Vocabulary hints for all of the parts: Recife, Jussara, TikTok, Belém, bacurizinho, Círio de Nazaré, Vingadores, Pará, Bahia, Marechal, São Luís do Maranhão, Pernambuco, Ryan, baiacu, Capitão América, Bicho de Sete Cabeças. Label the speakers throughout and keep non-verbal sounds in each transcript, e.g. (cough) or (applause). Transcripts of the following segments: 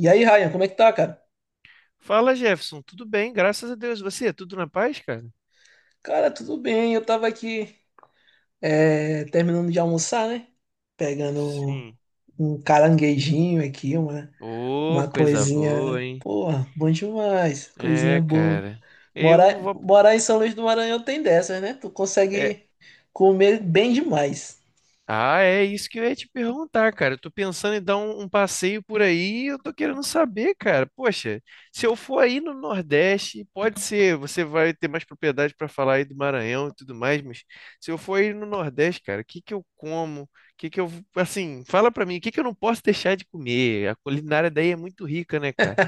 Speaker 1: E aí, Ryan, como é que tá, cara?
Speaker 2: Fala, Jefferson. Tudo bem? Graças a Deus. Você, tudo na paz, cara?
Speaker 1: Cara, tudo bem. Eu tava aqui, terminando de almoçar, né? Pegando
Speaker 2: Sim.
Speaker 1: um caranguejinho aqui,
Speaker 2: Ô,
Speaker 1: uma
Speaker 2: coisa boa,
Speaker 1: coisinha.
Speaker 2: hein?
Speaker 1: Porra, bom demais. Coisinha
Speaker 2: É,
Speaker 1: boa.
Speaker 2: cara. Eu
Speaker 1: Morar,
Speaker 2: vou.
Speaker 1: morar em São Luís do Maranhão tem dessas, né? Tu consegue comer bem demais.
Speaker 2: Ah, é isso que eu ia te perguntar, cara. Eu tô pensando em dar um passeio por aí, e eu tô querendo saber, cara. Poxa, se eu for aí no Nordeste, pode ser, você vai ter mais propriedade para falar aí do Maranhão e tudo mais, mas se eu for aí no Nordeste, cara, o que que eu como? O que que eu, assim, fala pra mim, o que que eu não posso deixar de comer? A culinária daí é muito rica, né, cara?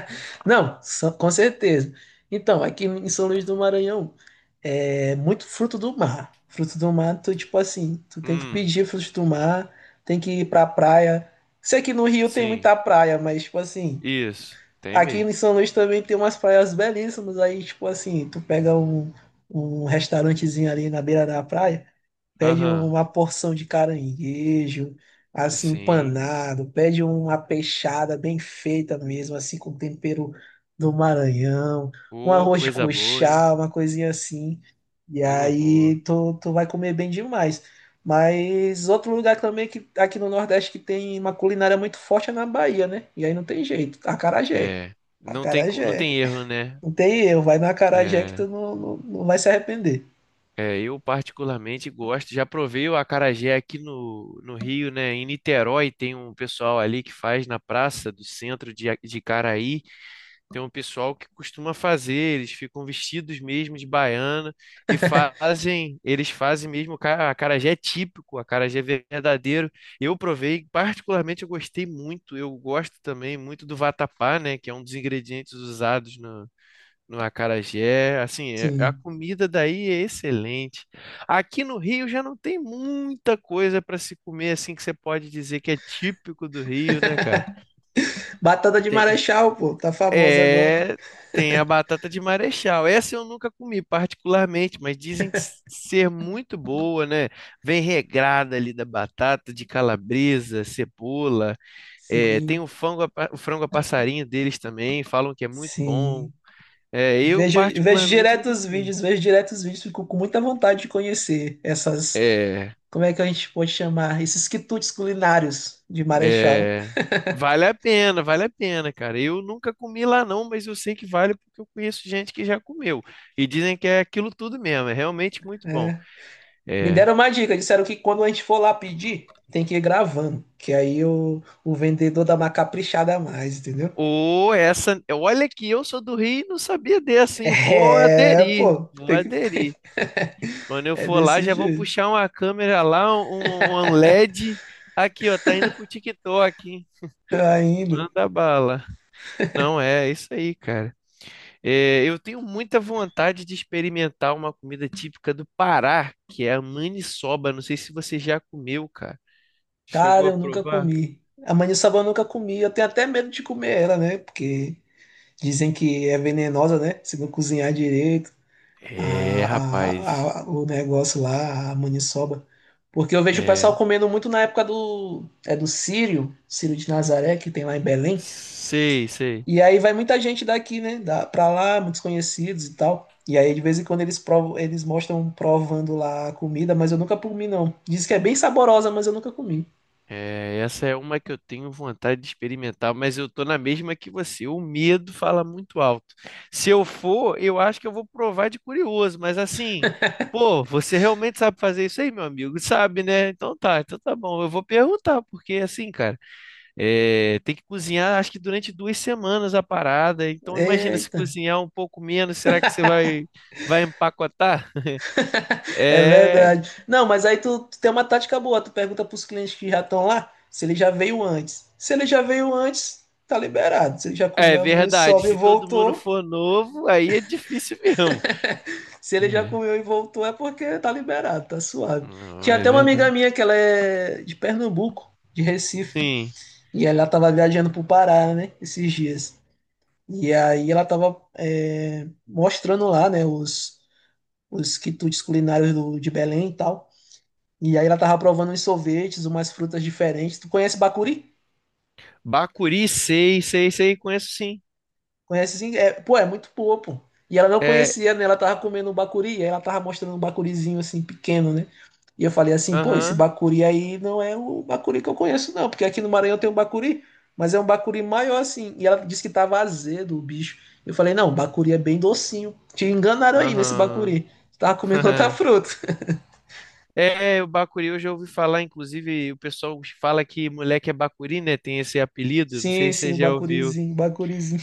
Speaker 1: Não, só- com certeza. Então, aqui em São Luís do Maranhão, é muito fruto do mar. Fruto do mar, tu, tipo assim, tu tem que
Speaker 2: Hum,
Speaker 1: pedir frutos do mar, tem que ir pra praia. Sei que no Rio tem
Speaker 2: sim.
Speaker 1: muita praia, mas, tipo assim,
Speaker 2: Isso, tem
Speaker 1: aqui
Speaker 2: mesmo.
Speaker 1: em São Luís também tem umas praias belíssimas. Aí, tipo assim, um restaurantezinho ali na beira da praia pede
Speaker 2: Aham,
Speaker 1: uma porção de caranguejo, assim,
Speaker 2: sim.
Speaker 1: empanado, pede uma peixada bem feita mesmo, assim, com tempero do Maranhão, um
Speaker 2: Ô,
Speaker 1: arroz de
Speaker 2: coisa boa, hein?
Speaker 1: cuchá, uma coisinha assim. E
Speaker 2: Coisa boa.
Speaker 1: aí tu vai comer bem demais. Mas outro lugar também que aqui no Nordeste que tem uma culinária muito forte é na Bahia, né? E aí não tem jeito, acarajé.
Speaker 2: É, não tem, não
Speaker 1: Acarajé.
Speaker 2: tem erro, né?
Speaker 1: Não tem erro, vai na acarajé que tu
Speaker 2: É,
Speaker 1: não vai se arrepender.
Speaker 2: é, eu particularmente gosto. Já provei o acarajé aqui no Rio, né? Em Niterói tem um pessoal ali que faz na praça do centro de, de Caraí. Tem um pessoal que costuma fazer. Eles ficam vestidos mesmo de baiana e fazem. Eles fazem mesmo o acarajé típico, acarajé verdadeiro. Eu provei, particularmente eu gostei muito. Eu gosto também muito do vatapá, né? Que é um dos ingredientes usados no acarajé, assim, a
Speaker 1: Sim.
Speaker 2: comida daí é excelente. Aqui no Rio já não tem muita coisa para se comer assim que você pode dizer que é típico do Rio, né,
Speaker 1: (laughs)
Speaker 2: cara?
Speaker 1: Batata de
Speaker 2: Tem,
Speaker 1: Marechal, pô, tá famosa agora.
Speaker 2: é, tem a batata de Marechal. Essa eu nunca comi particularmente, mas dizem que ser muito boa, né? Vem regrada ali da batata, de calabresa, cebola. É,
Speaker 1: Sim,
Speaker 2: tem o frango, o frango a passarinho deles também, falam que é muito bom.
Speaker 1: sim.
Speaker 2: É, eu particularmente nunca comi.
Speaker 1: Vejo direto os vídeos, fico com muita vontade de conhecer essas,
Speaker 2: É,
Speaker 1: como é que a gente pode chamar, esses quitutes culinários de Marechal.
Speaker 2: é, vale a pena, cara. Eu nunca comi lá não, mas eu sei que vale porque eu conheço gente que já comeu e dizem que é aquilo tudo mesmo, é realmente muito bom.
Speaker 1: Né? Me
Speaker 2: É,
Speaker 1: deram uma dica, disseram que quando a gente for lá pedir, tem que ir gravando, que aí o vendedor dá uma caprichada a mais, entendeu? (laughs)
Speaker 2: ou essa, olha que eu sou do Rio e não sabia dessa, hein? Vou
Speaker 1: É,
Speaker 2: aderir,
Speaker 1: pô,
Speaker 2: vou
Speaker 1: tem que.
Speaker 2: aderir.
Speaker 1: (laughs)
Speaker 2: Quando eu
Speaker 1: É
Speaker 2: for lá,
Speaker 1: desse
Speaker 2: já vou
Speaker 1: jeito
Speaker 2: puxar uma câmera lá, um LED. Aqui, ó, tá indo pro TikTok, hein?
Speaker 1: (laughs) ainda.
Speaker 2: Manda bala. Não, é isso aí, cara. É, eu tenho muita vontade de experimentar uma comida típica do Pará, que é a maniçoba. Não sei se você já comeu, cara. Chegou
Speaker 1: Cara,
Speaker 2: a
Speaker 1: eu nunca
Speaker 2: provar?
Speaker 1: comi. A maniçoba eu nunca comi. Eu tenho até medo de comer ela, né? Porque dizem que é venenosa, né? Se não cozinhar direito,
Speaker 2: É, rapaz.
Speaker 1: o negócio lá, a maniçoba. Porque eu vejo o pessoal
Speaker 2: É,
Speaker 1: comendo muito na época do, é do Círio, Círio de Nazaré, que tem lá em Belém.
Speaker 2: sei, sei.
Speaker 1: E aí vai muita gente daqui, né? Da, pra lá, muitos conhecidos e tal. E aí de vez em quando eles provam, eles mostram provando lá a comida, mas eu nunca comi, não. Diz que é bem saborosa, mas eu nunca comi.
Speaker 2: É, essa é uma que eu tenho vontade de experimentar, mas eu tô na mesma que você. O medo fala muito alto. Se eu for, eu acho que eu vou provar de curioso, mas assim, pô, você realmente sabe fazer isso aí, meu amigo? Sabe, né? Então tá bom. Eu vou perguntar, porque assim, cara. É, tem que cozinhar, acho que durante duas semanas a parada. Então, imagina se
Speaker 1: Eita.
Speaker 2: cozinhar um pouco menos, será que você vai, vai empacotar? (laughs)
Speaker 1: É
Speaker 2: É,
Speaker 1: verdade. Não, mas aí tu tem uma tática boa. Tu pergunta pros clientes que já estão lá se ele já veio antes. Se ele já veio antes, tá liberado. Se ele já
Speaker 2: é
Speaker 1: comeu a
Speaker 2: verdade.
Speaker 1: maniçoba e
Speaker 2: Se todo mundo
Speaker 1: voltou.
Speaker 2: for novo, aí é difícil mesmo.
Speaker 1: Se ele já
Speaker 2: É,
Speaker 1: comeu e voltou, é porque tá liberado, tá suave.
Speaker 2: não,
Speaker 1: Tinha
Speaker 2: é
Speaker 1: até uma amiga
Speaker 2: verdade.
Speaker 1: minha que ela é de Pernambuco, de Recife.
Speaker 2: Sim.
Speaker 1: E ela tava viajando pro Pará, né? Esses dias. E aí ela tava mostrando lá, né? Os quitutes culinários do- de Belém e tal. E aí ela tava provando uns sorvetes, umas frutas diferentes. Tu conhece bacuri?
Speaker 2: Bacuri, sei, sei, sei, conheço sim.
Speaker 1: Conhece sim? É, pô, é muito boa, pô. E ela não
Speaker 2: É,
Speaker 1: conhecia, né? Ela tava comendo um bacuri, e aí ela tava mostrando um bacurizinho assim, pequeno, né? E eu falei assim, pô, esse
Speaker 2: aham,
Speaker 1: bacuri aí não é o bacuri que eu conheço, não, porque aqui no Maranhão tem um bacuri, mas é um bacuri maior assim. E ela disse que tava azedo o bicho. Eu falei, não, bacuri é bem docinho. Te enganaram aí nesse
Speaker 2: aham.
Speaker 1: bacuri. Tu tava comendo outra
Speaker 2: (laughs)
Speaker 1: fruta. (laughs)
Speaker 2: É, o Bacuri eu já ouvi falar, inclusive o pessoal fala que moleque é Bacuri, né? Tem esse apelido, não sei
Speaker 1: Sim,
Speaker 2: se
Speaker 1: sim,
Speaker 2: você
Speaker 1: o
Speaker 2: já ouviu.
Speaker 1: bacurizinho, o bacurizinho.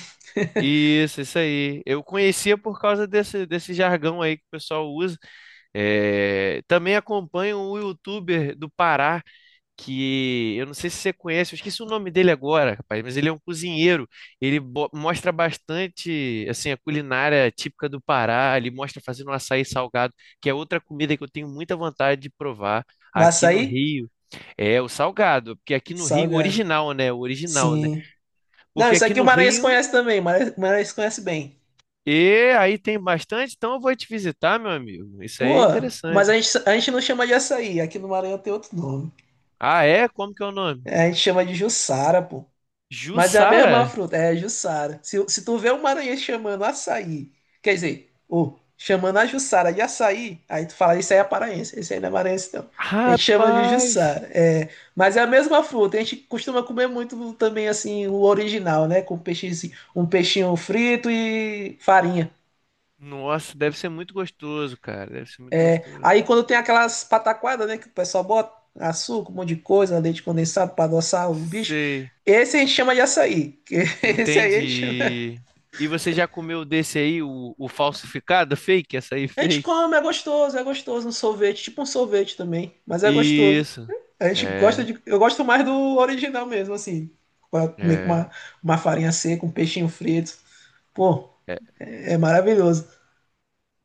Speaker 2: Isso aí. Eu conhecia por causa desse jargão aí que o pessoal usa. É, também acompanho um youtuber do Pará, que eu não sei se você conhece, eu esqueci o nome dele agora, rapaz, mas ele é um cozinheiro. Ele mostra bastante assim, a culinária típica do Pará. Ele mostra fazendo um açaí salgado, que é outra comida que eu tenho muita vontade de provar
Speaker 1: O
Speaker 2: aqui no
Speaker 1: açaí?
Speaker 2: Rio. É o salgado, porque aqui no Rio, o
Speaker 1: Salgado.
Speaker 2: original, né? O original, né?
Speaker 1: Sim. Não,
Speaker 2: Porque
Speaker 1: isso
Speaker 2: aqui
Speaker 1: aqui o
Speaker 2: no
Speaker 1: Maranhense
Speaker 2: Rio.
Speaker 1: conhece também, o Maranhense conhece bem.
Speaker 2: E aí tem bastante, então eu vou te visitar, meu amigo. Isso
Speaker 1: Pô,
Speaker 2: aí é
Speaker 1: mas
Speaker 2: interessante.
Speaker 1: a gente não chama de açaí, aqui no Maranhão tem outro nome.
Speaker 2: Ah, é? Como que é o nome?
Speaker 1: É, a gente chama de Jussara, pô. Mas é a mesma
Speaker 2: Jussara?
Speaker 1: fruta, é Jussara. Se tu vê o Maranhense chamando açaí, quer dizer, ô, chamando a Jussara de açaí, aí tu fala, isso aí é paraense, isso aí não é maranhense não. A gente chama de
Speaker 2: Rapaz!
Speaker 1: Jussara. É, mas é a mesma fruta, a gente costuma comer muito também assim, o original, né? Com peixe, um peixinho frito e farinha.
Speaker 2: Nossa, deve ser muito gostoso, cara. Deve ser muito gostoso.
Speaker 1: Aí quando tem aquelas pataquadas, né, que o pessoal bota açúcar, um monte de coisa, leite condensado para adoçar o bicho,
Speaker 2: Sei,
Speaker 1: esse a gente chama de açaí. Que (laughs) Esse aí a gente, chama-
Speaker 2: entendi. E você já comeu desse aí, o falsificado, fake, açaí
Speaker 1: A gente
Speaker 2: fake?
Speaker 1: come, é gostoso, um sorvete, tipo um sorvete também, mas é gostoso.
Speaker 2: Isso.
Speaker 1: A gente gosta
Speaker 2: É,
Speaker 1: de, eu gosto mais do original mesmo, assim, pra comer com
Speaker 2: é.
Speaker 1: uma farinha seca, um peixinho frito. Pô,
Speaker 2: É.
Speaker 1: é, é maravilhoso.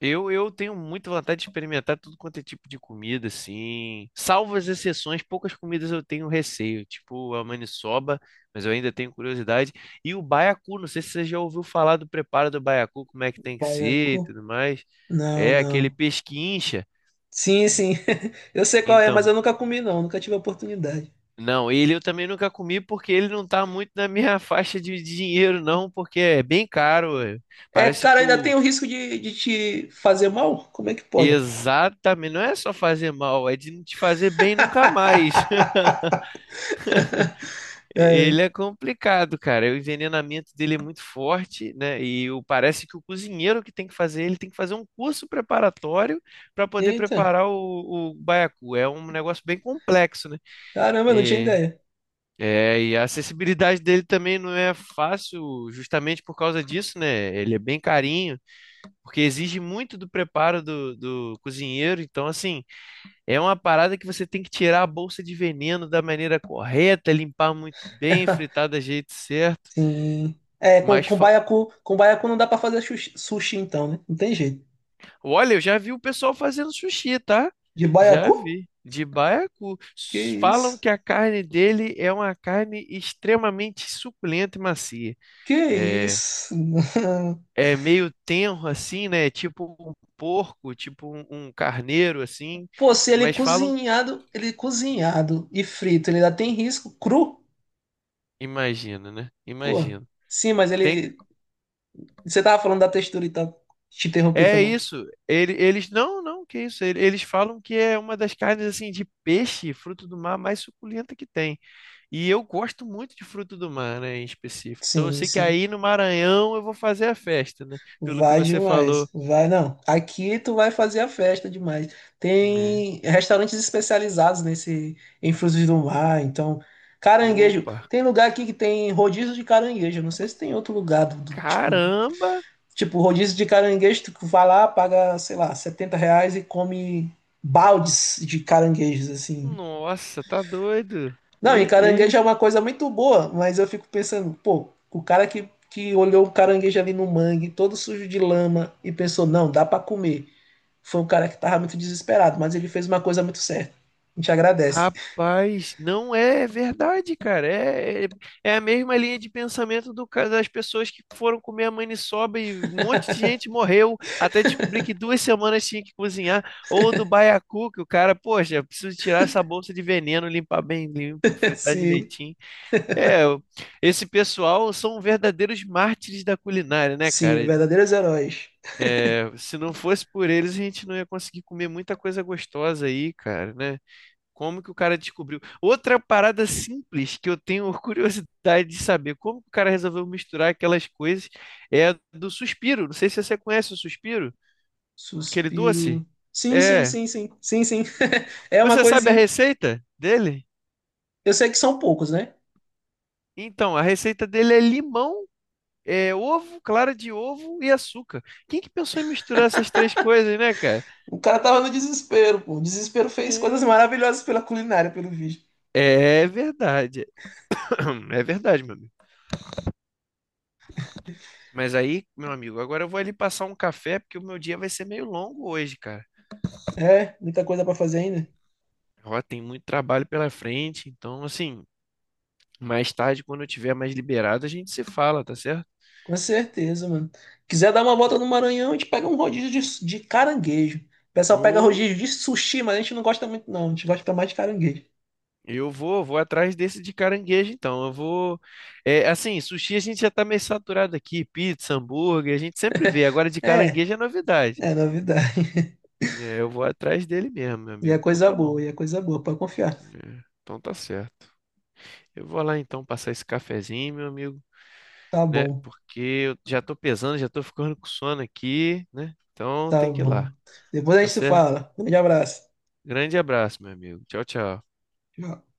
Speaker 2: Eu tenho muita vontade de experimentar tudo quanto é tipo de comida, assim. Salvo as exceções, poucas comidas eu tenho receio, tipo a maniçoba, mas eu ainda tenho curiosidade. E o baiacu, não sei se você já ouviu falar do preparo do baiacu, como é que tem que ser e
Speaker 1: Baiacu?
Speaker 2: tudo mais.
Speaker 1: Não,
Speaker 2: É aquele
Speaker 1: não.
Speaker 2: pesquincha.
Speaker 1: Sim, sim. (laughs) Eu sei qual é, mas
Speaker 2: Então,
Speaker 1: eu nunca comi não, nunca tive a oportunidade.
Speaker 2: não, ele eu também nunca comi porque ele não tá muito na minha (laughs) faixa de dinheiro, não, porque é bem caro. É.
Speaker 1: É,
Speaker 2: Parece
Speaker 1: cara,
Speaker 2: que
Speaker 1: ainda tem
Speaker 2: o.
Speaker 1: o risco de te fazer mal? Como é que pode?
Speaker 2: Exatamente, não é só fazer mal, é de não te fazer bem nunca mais.
Speaker 1: (laughs) É.
Speaker 2: Ele é complicado, cara. O envenenamento dele é muito forte, né? E parece que o cozinheiro que tem que fazer, ele tem que fazer um curso preparatório para poder
Speaker 1: Eita,
Speaker 2: preparar o baiacu. É um negócio bem complexo, né?
Speaker 1: caramba, não tinha
Speaker 2: E,
Speaker 1: ideia.
Speaker 2: é, e a acessibilidade dele também não é fácil, justamente por causa disso, né? Ele é bem carinho, porque exige muito do preparo do cozinheiro. Então, assim. É uma parada que você tem que tirar a bolsa de veneno da maneira correta, limpar muito bem, fritar
Speaker 1: (laughs)
Speaker 2: do jeito certo.
Speaker 1: Sim. É,
Speaker 2: Mas fa-
Speaker 1: com baiacu não dá pra fazer sushi, então, né? Não tem jeito.
Speaker 2: olha, eu já vi o pessoal fazendo sushi, tá?
Speaker 1: De
Speaker 2: Já
Speaker 1: baiacu?
Speaker 2: vi. De baiacu.
Speaker 1: Que
Speaker 2: Falam
Speaker 1: isso?
Speaker 2: que a carne dele é uma carne extremamente suculenta e macia.
Speaker 1: Que
Speaker 2: É,
Speaker 1: isso? (laughs)
Speaker 2: é meio tenro assim, né? Tipo um porco, tipo um carneiro assim.
Speaker 1: Pô, se ele é
Speaker 2: Mas falam,
Speaker 1: cozinhado, ele é cozinhado e frito, ele ainda tem risco cru?
Speaker 2: imagina, né?
Speaker 1: Pô.
Speaker 2: Imagina.
Speaker 1: Sim, mas
Speaker 2: Tem.
Speaker 1: ele, você tava falando da textura e tal. Te interrompi, foi
Speaker 2: É
Speaker 1: mal.
Speaker 2: isso. Eles não, não, que isso. Eles falam que é uma das carnes assim de peixe, fruto do mar mais suculenta que tem. E eu gosto muito de fruto do mar, né, em específico. Então eu
Speaker 1: Sim,
Speaker 2: sei que
Speaker 1: sim.
Speaker 2: aí no Maranhão eu vou fazer a festa, né? Pelo que
Speaker 1: Vai
Speaker 2: você
Speaker 1: demais,
Speaker 2: falou.
Speaker 1: vai não. Aqui tu vai fazer a festa demais.
Speaker 2: É.
Speaker 1: Tem restaurantes especializados nesse em frutos do mar, então caranguejo.
Speaker 2: Opa,
Speaker 1: Tem lugar aqui que tem rodízio de caranguejo. Não sei se tem outro lugar do, do- tipo,
Speaker 2: caramba!
Speaker 1: tipo rodízio de caranguejo. Tu vai lá, paga, sei lá, R$ 70 e come baldes de caranguejos assim.
Speaker 2: Nossa, tá doido.
Speaker 1: Não, e
Speaker 2: E,
Speaker 1: caranguejo
Speaker 2: e.
Speaker 1: é uma coisa muito boa, mas eu fico pensando, pô, o cara que olhou o caranguejo ali no mangue, todo sujo de lama, e pensou, não, dá pra comer. Foi um cara que tava muito desesperado, mas ele fez uma coisa muito certa. A gente agradece.
Speaker 2: Rapaz, não é é verdade, cara. É, é, é a mesma linha de pensamento do, das pessoas que foram comer a maniçoba e um monte de gente morreu até descobrir que duas semanas tinha que cozinhar. Ou do baiacu, que o cara, poxa, preciso tirar essa bolsa de veneno, limpar bem limpo,
Speaker 1: (laughs)
Speaker 2: fritar
Speaker 1: Sim,
Speaker 2: direitinho. É, esse pessoal são verdadeiros mártires da culinária, né,
Speaker 1: sim,
Speaker 2: cara?
Speaker 1: verdadeiros heróis.
Speaker 2: É, se não fosse por eles, a gente não ia conseguir comer muita coisa gostosa aí, cara, né? Como que o cara descobriu? Outra parada simples que eu tenho curiosidade de saber, como que o cara resolveu misturar aquelas coisas, é a do suspiro. Não sei se você conhece o suspiro, aquele doce.
Speaker 1: Suspiro.
Speaker 2: É.
Speaker 1: Sim, sim. (laughs) É uma
Speaker 2: Você sabe a
Speaker 1: coisinha.
Speaker 2: receita dele?
Speaker 1: Eu sei que são poucos, né?
Speaker 2: Então, a receita dele é limão, é ovo, clara de ovo e açúcar. Quem que pensou em misturar essas três coisas, né, cara?
Speaker 1: O cara tava no desespero, pô. O desespero fez coisas maravilhosas pela culinária, pelo vídeo.
Speaker 2: É, é verdade. (clears throat) É verdade, meu amigo. Mas aí, meu amigo, agora eu vou ali passar um café, porque o meu dia vai ser meio longo hoje, cara.
Speaker 1: É, muita coisa pra fazer ainda?
Speaker 2: Ó, tem muito trabalho pela frente, então, assim, mais tarde, quando eu tiver mais liberado, a gente se fala, tá certo?
Speaker 1: Com certeza, mano. Quiser dar uma volta no Maranhão, a gente pega um rodízio de caranguejo. O pessoal pega
Speaker 2: Ô,
Speaker 1: rodízio de sushi, mas a gente não gosta muito, não. A gente gosta mais de caranguejo.
Speaker 2: eu vou, vou atrás desse de caranguejo, então. Eu vou. É, assim, sushi a gente já tá meio saturado aqui, pizza, hambúrguer, a gente sempre vê. Agora de
Speaker 1: É,
Speaker 2: caranguejo é novidade.
Speaker 1: é novidade.
Speaker 2: É, eu vou atrás dele mesmo, meu
Speaker 1: E é
Speaker 2: amigo. Então
Speaker 1: coisa
Speaker 2: tá
Speaker 1: boa,
Speaker 2: bom.
Speaker 1: e é coisa boa, pode confiar.
Speaker 2: É, então tá certo. Eu vou lá então passar esse cafezinho, meu amigo,
Speaker 1: Tá
Speaker 2: né?
Speaker 1: bom,
Speaker 2: Porque eu já tô pesando, já tô ficando com sono aqui, né? Então
Speaker 1: tá
Speaker 2: tem que ir
Speaker 1: bom.
Speaker 2: lá,
Speaker 1: Depois a
Speaker 2: tá
Speaker 1: gente se
Speaker 2: certo?
Speaker 1: fala. Um grande abraço.
Speaker 2: Grande abraço, meu amigo. Tchau, tchau.
Speaker 1: Tchau.